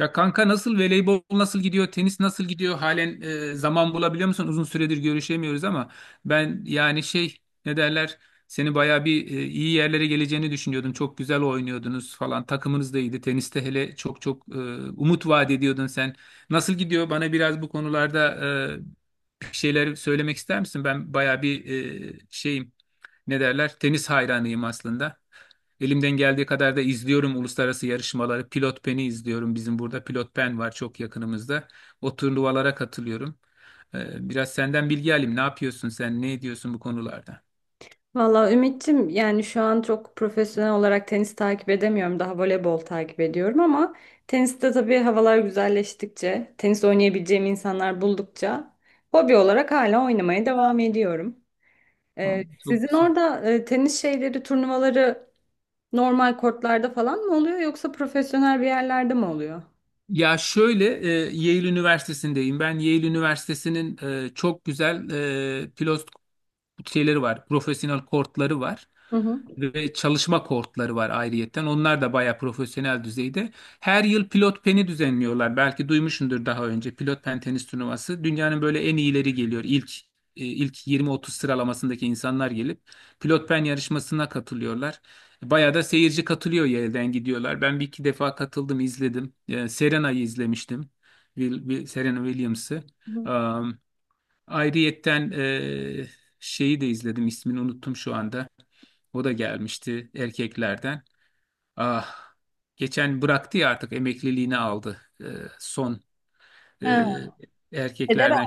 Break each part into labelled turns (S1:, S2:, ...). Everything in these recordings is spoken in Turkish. S1: Ya kanka, nasıl? Voleybol nasıl gidiyor, tenis nasıl gidiyor halen? Zaman bulabiliyor musun? Uzun süredir görüşemiyoruz ama ben yani şey, ne derler, seni baya bir iyi yerlere geleceğini düşünüyordum. Çok güzel oynuyordunuz falan, takımınız da iyiydi. Teniste hele çok çok umut vaat ediyordun sen. Nasıl gidiyor? Bana biraz bu konularda e, bir şeyler söylemek ister misin? Ben bayağı bir şeyim. Ne derler? Tenis hayranıyım aslında. Elimden geldiği kadar da izliyorum uluslararası yarışmaları. Pilot Pen'i izliyorum. Bizim burada Pilot Pen var, çok yakınımızda. O turnuvalara katılıyorum. Biraz senden bilgi alayım. Ne yapıyorsun sen? Ne ediyorsun bu konularda?
S2: Valla Ümit'ciğim yani şu an çok profesyonel olarak tenis takip edemiyorum. Daha voleybol takip ediyorum ama teniste tabii havalar güzelleştikçe, tenis oynayabileceğim insanlar buldukça hobi olarak hala oynamaya devam ediyorum.
S1: Aa, çok
S2: Sizin
S1: güzel.
S2: orada tenis şeyleri, turnuvaları normal kortlarda falan mı oluyor yoksa profesyonel bir yerlerde mi oluyor?
S1: Ya şöyle, Yale Üniversitesi'ndeyim. Ben Yale Üniversitesi'nin çok güzel pilot şeyleri var. Profesyonel kortları var
S2: Hı hı.
S1: ve çalışma kortları var ayrıyetten. Onlar da bayağı profesyonel düzeyde. Her yıl Pilot Pen'i düzenliyorlar. Belki duymuşsundur daha önce. Pilot Pen tenis turnuvası, dünyanın böyle en iyileri geliyor. İlk 20-30 sıralamasındaki insanlar gelip Pilot Pen yarışmasına katılıyorlar. Bayağı da seyirci katılıyor, yerden gidiyorlar. Ben bir iki defa katıldım, izledim. Serena'yı izlemiştim. Serena Williams'ı.
S2: Hı hı.
S1: Ayrıyetten şeyi de izledim, ismini unuttum şu anda. O da gelmişti erkeklerden. Ah, geçen bıraktı ya, artık emekliliğini aldı. Son eee, erkeklerden.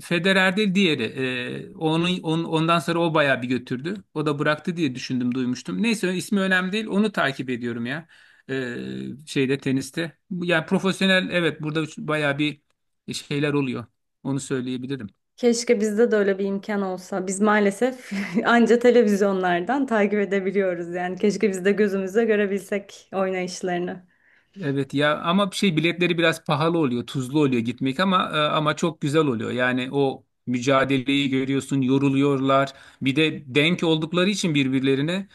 S1: Federer değil, diğeri. Onun, ondan sonra o bayağı bir götürdü. O da bıraktı diye düşündüm, duymuştum. Neyse, ismi önemli değil. Onu takip ediyorum ya. Şeyde, teniste. Yani profesyonel, evet, burada bayağı bir şeyler oluyor. Onu söyleyebilirim.
S2: Keşke bizde de öyle bir imkan olsa. Biz maalesef anca televizyonlardan takip edebiliyoruz. Yani keşke biz de gözümüzle görebilsek oynayışlarını.
S1: Evet ya ama şey, biletleri biraz pahalı oluyor, tuzlu oluyor gitmek ama çok güzel oluyor. Yani o mücadeleyi görüyorsun, yoruluyorlar. Bir de denk oldukları için birbirlerine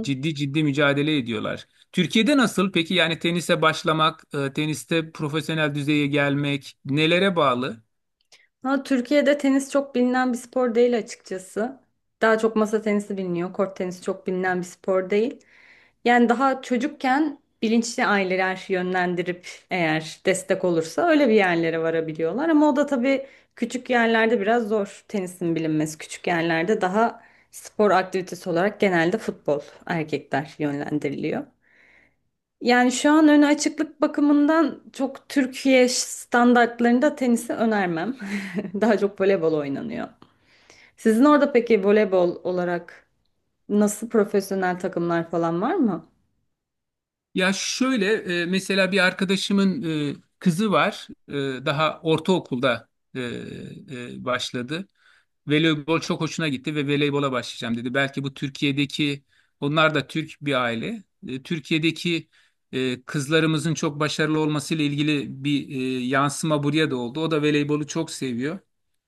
S1: ciddi ciddi mücadele ediyorlar. Türkiye'de nasıl? Peki yani tenise başlamak, teniste profesyonel düzeye gelmek nelere bağlı?
S2: Ha, Türkiye'de tenis çok bilinen bir spor değil açıkçası. Daha çok masa tenisi biliniyor. Kort tenisi çok bilinen bir spor değil. Yani daha çocukken bilinçli aileler yönlendirip eğer destek olursa öyle bir yerlere varabiliyorlar. Ama o da tabii küçük yerlerde biraz zor tenisin bilinmesi. Küçük yerlerde daha spor aktivitesi olarak genelde futbol erkekler yönlendiriliyor. Yani şu an öne açıklık bakımından çok Türkiye standartlarında tenisi önermem. Daha çok voleybol oynanıyor. Sizin orada peki voleybol olarak nasıl profesyonel takımlar falan var mı?
S1: Ya şöyle, mesela bir arkadaşımın kızı var. Daha ortaokulda e, başladı. Voleybol çok hoşuna gitti ve voleybola başlayacağım dedi. Belki bu Türkiye'deki, onlar da Türk bir aile. Türkiye'deki kızlarımızın çok başarılı olmasıyla ilgili bir yansıma buraya da oldu. O da voleybolu çok seviyor.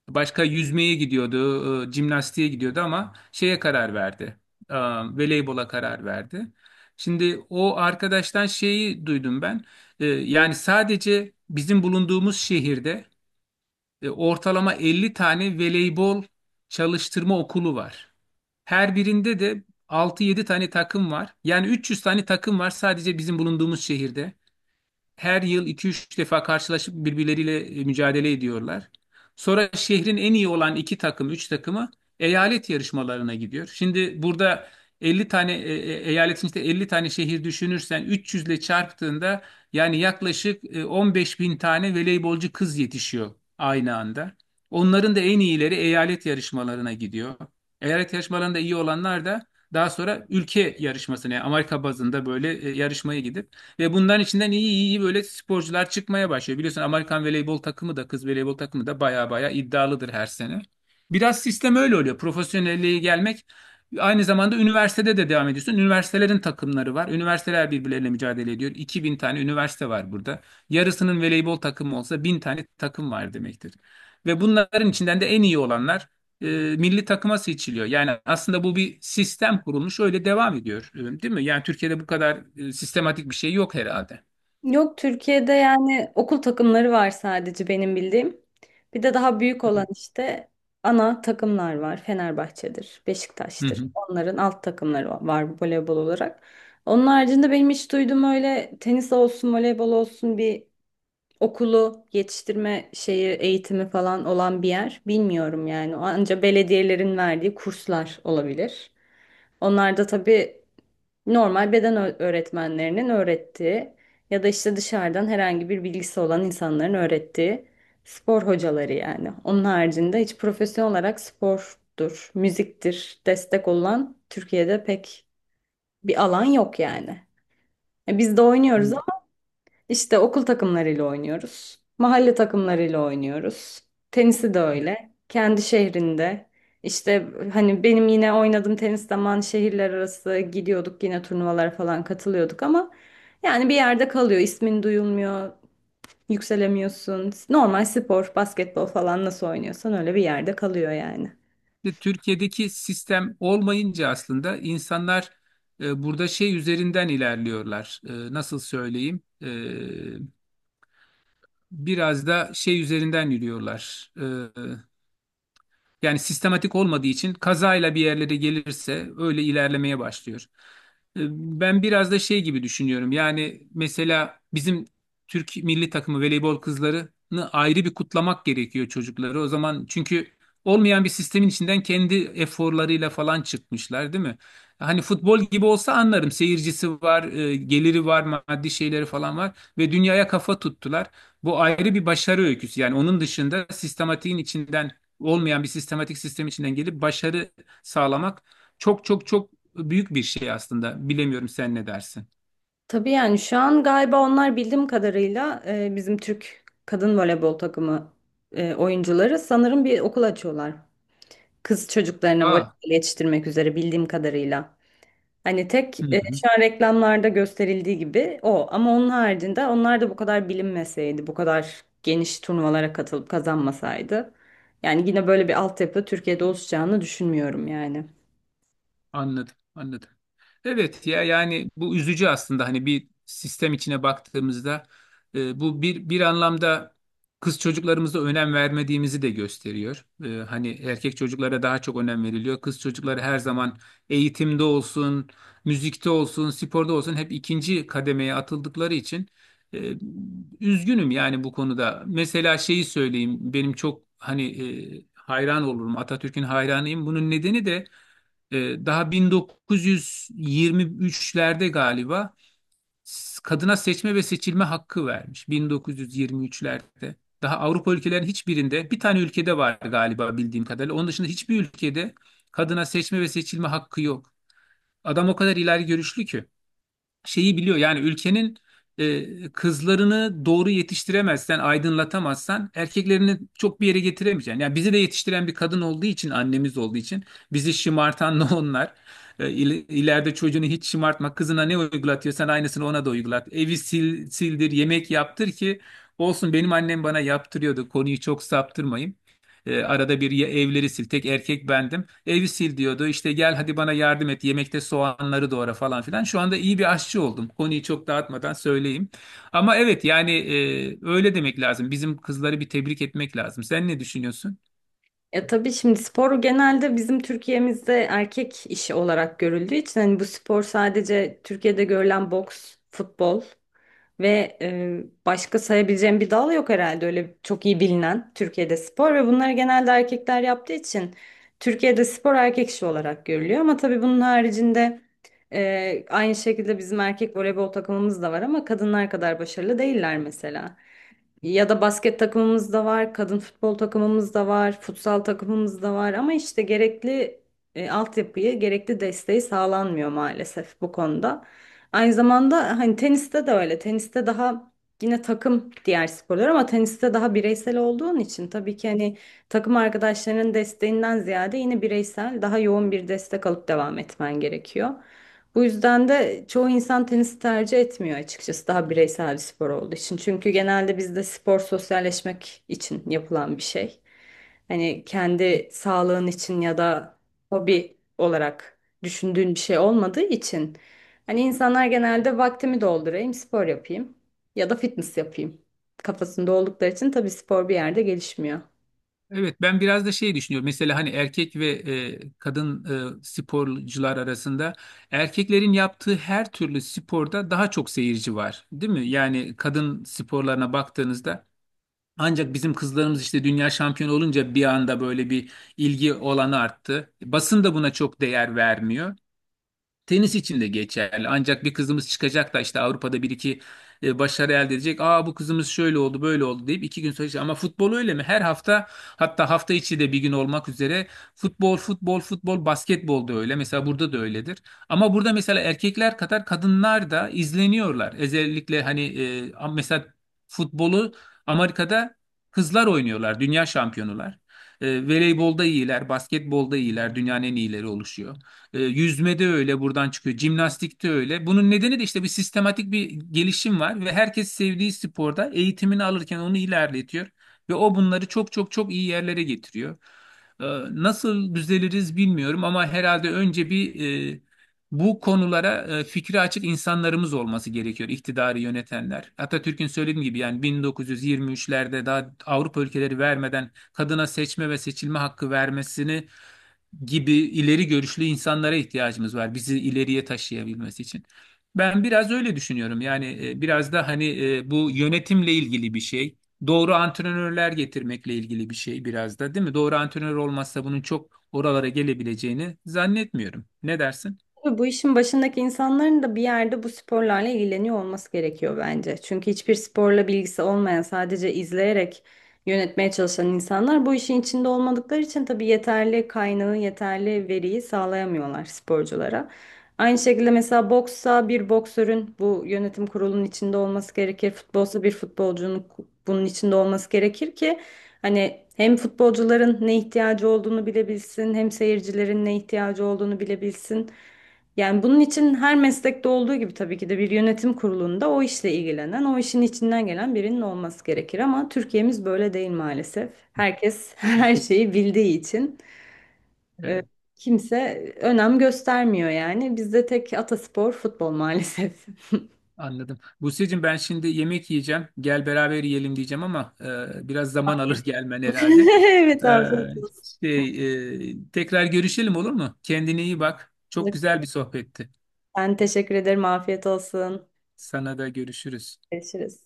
S1: Başka yüzmeye gidiyordu, jimnastiğe gidiyordu ama şeye karar verdi. E, Voleybola karar verdi. Şimdi o arkadaştan şeyi duydum ben. Yani sadece bizim bulunduğumuz şehirde ortalama 50 tane voleybol çalıştırma okulu var. Her birinde de altı yedi tane takım var. Yani 300 tane takım var sadece bizim bulunduğumuz şehirde, her yıl iki üç defa karşılaşıp birbirleriyle mücadele ediyorlar. Sonra şehrin en iyi olan 2 takım, 3 takımı eyalet yarışmalarına gidiyor. Şimdi burada 50 tane eyaletin, işte 50 tane şehir düşünürsen 300 ile çarptığında, yani yaklaşık 15 bin tane voleybolcu kız yetişiyor aynı anda. Onların da en iyileri eyalet yarışmalarına gidiyor. Eyalet yarışmalarında iyi olanlar da daha sonra ülke yarışmasına, yani Amerika bazında böyle yarışmaya gidip, ve bundan içinden iyi iyi böyle sporcular çıkmaya başlıyor. Biliyorsun Amerikan voleybol takımı da, kız voleybol takımı da baya baya iddialıdır her sene. Biraz sistem öyle oluyor. Profesyonelliğe gelmek, aynı zamanda üniversitede de devam ediyorsun. Üniversitelerin takımları var. Üniversiteler birbirleriyle mücadele ediyor. 2.000 tane üniversite var burada. Yarısının voleybol takımı olsa 1000 tane takım var demektir. Ve bunların içinden de en iyi olanlar e, milli takıma seçiliyor. Yani aslında bu bir sistem kurulmuş, öyle devam ediyor, değil mi? Yani Türkiye'de bu kadar sistematik bir şey yok herhalde.
S2: Yok Türkiye'de yani okul takımları var sadece benim bildiğim. Bir de daha büyük olan işte ana takımlar var. Fenerbahçe'dir,
S1: Hı
S2: Beşiktaş'tır.
S1: hı.
S2: Onların alt takımları var voleybol olarak. Onun haricinde benim hiç duyduğum öyle tenis olsun, voleybol olsun bir okulu yetiştirme şeyi eğitimi falan olan bir yer bilmiyorum yani. Anca belediyelerin verdiği kurslar olabilir. Onlar da tabii normal beden öğretmenlerinin öğrettiği ya da işte dışarıdan herhangi bir bilgisi olan insanların öğrettiği spor hocaları yani. Onun haricinde hiç profesyonel olarak spordur, müziktir destek olan Türkiye'de pek bir alan yok yani. Biz de oynuyoruz işte okul takımlarıyla oynuyoruz. Mahalle takımlarıyla oynuyoruz. Tenisi de öyle. Kendi şehrinde. İşte hani benim yine oynadığım tenis zaman şehirler arası gidiyorduk yine turnuvalara falan katılıyorduk ama yani bir yerde kalıyor. İsmin duyulmuyor. Yükselemiyorsun. Normal spor, basketbol falan nasıl oynuyorsan öyle bir yerde kalıyor yani.
S1: Ve Türkiye'deki sistem olmayınca aslında insanlar burada şey üzerinden ilerliyorlar. Nasıl söyleyeyim? Biraz da şey üzerinden yürüyorlar. E, Yani sistematik olmadığı için kazayla bir yerlere gelirse öyle ilerlemeye başlıyor. E, Ben biraz da şey gibi düşünüyorum. Yani mesela bizim Türk milli takımı voleybol kızlarını ayrı bir kutlamak gerekiyor, çocukları. O zaman çünkü olmayan bir sistemin içinden kendi eforlarıyla falan çıkmışlar, değil mi? Hani futbol gibi olsa anlarım. Seyircisi var, geliri var, maddi şeyleri falan var ve dünyaya kafa tuttular. Bu ayrı bir başarı öyküsü. Yani onun dışında sistematiğin içinden, olmayan bir sistematik sistem içinden gelip başarı sağlamak çok çok çok büyük bir şey aslında. Bilemiyorum, sen ne dersin?
S2: Tabii yani şu an galiba onlar bildiğim kadarıyla bizim Türk kadın voleybol takımı oyuncuları sanırım bir okul açıyorlar. Kız çocuklarına voleybol
S1: Aa,
S2: yetiştirmek üzere bildiğim kadarıyla. Hani tek
S1: hı hı,
S2: şu an reklamlarda gösterildiği gibi o. Ama onun haricinde onlar da bu kadar bilinmeseydi, bu kadar geniş turnuvalara katılıp kazanmasaydı. Yani yine böyle bir altyapı Türkiye'de oluşacağını düşünmüyorum yani.
S1: anladım, anladım. Evet ya, yani bu üzücü aslında, hani bir sistem içine baktığımızda bu bir anlamda kız çocuklarımıza önem vermediğimizi de gösteriyor. Hani erkek çocuklara daha çok önem veriliyor. Kız çocukları her zaman eğitimde olsun, müzikte olsun, sporda olsun hep ikinci kademeye atıldıkları için e, üzgünüm yani bu konuda. Mesela şeyi söyleyeyim, benim çok hani hayran olurum, Atatürk'ün hayranıyım. Bunun nedeni de daha 1923'lerde galiba kadına seçme ve seçilme hakkı vermiş 1923'lerde. Daha Avrupa ülkelerin hiçbirinde, bir tane ülkede var galiba bildiğim kadarıyla. Onun dışında hiçbir ülkede kadına seçme ve seçilme hakkı yok. Adam o kadar ileri görüşlü ki şeyi biliyor. Yani ülkenin kızlarını doğru yetiştiremezsen, aydınlatamazsan erkeklerini çok bir yere getiremeyeceksin. Yani bizi de yetiştiren bir kadın olduğu için, annemiz olduğu için bizi şımartan da onlar. E, il- ileride çocuğunu hiç şımartma. Kızına ne uygulatıyorsan aynısını ona da uygulat. Evi sil, sildir, yemek yaptır ki olsun, benim annem bana yaptırıyordu. Konuyu çok saptırmayayım. Arada bir ya, evleri sil. Tek erkek bendim. Evi sil diyordu. İşte gel hadi bana yardım et. Yemekte soğanları doğra falan filan. Şu anda iyi bir aşçı oldum. Konuyu çok dağıtmadan söyleyeyim. Ama evet yani, öyle demek lazım. Bizim kızları bir tebrik etmek lazım. Sen ne düşünüyorsun?
S2: Ya tabii şimdi spor genelde bizim Türkiye'mizde erkek işi olarak görüldüğü için hani bu spor sadece Türkiye'de görülen boks, futbol. Ve başka sayabileceğim bir dal yok herhalde öyle çok iyi bilinen Türkiye'de spor ve bunları genelde erkekler yaptığı için Türkiye'de spor erkek işi olarak görülüyor. Ama tabii bunun haricinde aynı şekilde bizim erkek voleybol takımımız da var ama kadınlar kadar başarılı değiller mesela. Ya da basket takımımız da var, kadın futbol takımımız da var, futsal takımımız da var ama işte gerekli altyapıyı, gerekli desteği sağlanmıyor maalesef bu konuda. Aynı zamanda hani teniste de öyle. Teniste daha yine takım diğer sporlar ama teniste daha bireysel olduğun için tabii ki hani takım arkadaşlarının desteğinden ziyade yine bireysel daha yoğun bir destek alıp devam etmen gerekiyor. Bu yüzden de çoğu insan tenisi tercih etmiyor açıkçası daha bireysel bir spor olduğu için. Çünkü genelde bizde spor sosyalleşmek için yapılan bir şey. Hani kendi sağlığın için ya da hobi olarak düşündüğün bir şey olmadığı için hani insanlar genelde vaktimi doldurayım, spor yapayım ya da fitness yapayım kafasında oldukları için tabii spor bir yerde gelişmiyor.
S1: Evet, ben biraz da şey düşünüyorum. Mesela hani erkek ve kadın sporcular arasında, erkeklerin yaptığı her türlü sporda daha çok seyirci var, değil mi? Yani kadın sporlarına baktığınızda, ancak bizim kızlarımız işte dünya şampiyonu olunca bir anda böyle bir ilgi olanı arttı. Basın da buna çok değer vermiyor. Tenis için de geçerli. Ancak bir kızımız çıkacak da işte Avrupa'da bir iki başarı elde edecek. Aa, bu kızımız şöyle oldu böyle oldu deyip iki gün sonra. Ama futbol öyle mi? Her hafta, hatta hafta içi de bir gün olmak üzere, futbol futbol futbol, basketbol da öyle. Mesela burada da öyledir. Ama burada mesela erkekler kadar kadınlar da izleniyorlar. Özellikle hani mesela futbolu Amerika'da kızlar oynuyorlar. Dünya şampiyonular. Voleybolda iyiler, basketbolda iyiler, dünyanın en iyileri oluşuyor. Yüzmede öyle, buradan çıkıyor. Jimnastikte öyle. Bunun nedeni de işte bir sistematik bir gelişim var ve herkes sevdiği sporda eğitimini alırken onu ilerletiyor, ve o bunları çok çok çok iyi yerlere getiriyor. E, Nasıl düzeliriz bilmiyorum, ama herhalde önce bir, e, bu konulara fikri açık insanlarımız olması gerekiyor, iktidarı yönetenler. Atatürk'ün söylediğim gibi yani 1923'lerde, daha Avrupa ülkeleri vermeden kadına seçme ve seçilme hakkı vermesini gibi, ileri görüşlü insanlara ihtiyacımız var bizi ileriye taşıyabilmesi için. Ben biraz öyle düşünüyorum. Yani biraz da hani bu yönetimle ilgili bir şey. Doğru antrenörler getirmekle ilgili bir şey biraz da, değil mi? Doğru antrenör olmazsa bunun çok oralara gelebileceğini zannetmiyorum. Ne dersin?
S2: Tabii bu işin başındaki insanların da bir yerde bu sporlarla ilgileniyor olması gerekiyor bence. Çünkü hiçbir sporla bilgisi olmayan, sadece izleyerek yönetmeye çalışan insanlar bu işin içinde olmadıkları için tabii yeterli kaynağı, yeterli veriyi sağlayamıyorlar sporculara. Aynı şekilde mesela boksa bir boksörün bu yönetim kurulunun içinde olması gerekir. Futbolsa bir futbolcunun bunun içinde olması gerekir ki hani hem futbolcuların ne ihtiyacı olduğunu bilebilsin, hem seyircilerin ne ihtiyacı olduğunu bilebilsin. Yani bunun için her meslekte olduğu gibi tabii ki de bir yönetim kurulunda o işle ilgilenen, o işin içinden gelen birinin olması gerekir ama Türkiye'miz böyle değil maalesef. Herkes her şeyi bildiği için e, kimse önem göstermiyor yani. Bizde tek ataspor futbol maalesef.
S1: Anladım. Buse'cim, ben şimdi yemek yiyeceğim. Gel beraber yiyelim diyeceğim ama biraz zaman alır gelmen herhalde.
S2: Evet
S1: E,
S2: afiyet
S1: tekrar görüşelim, olur mu? Kendine iyi bak. Çok
S2: olsun.
S1: güzel bir sohbetti.
S2: Ben teşekkür ederim. Afiyet olsun.
S1: Sana da görüşürüz.
S2: Görüşürüz.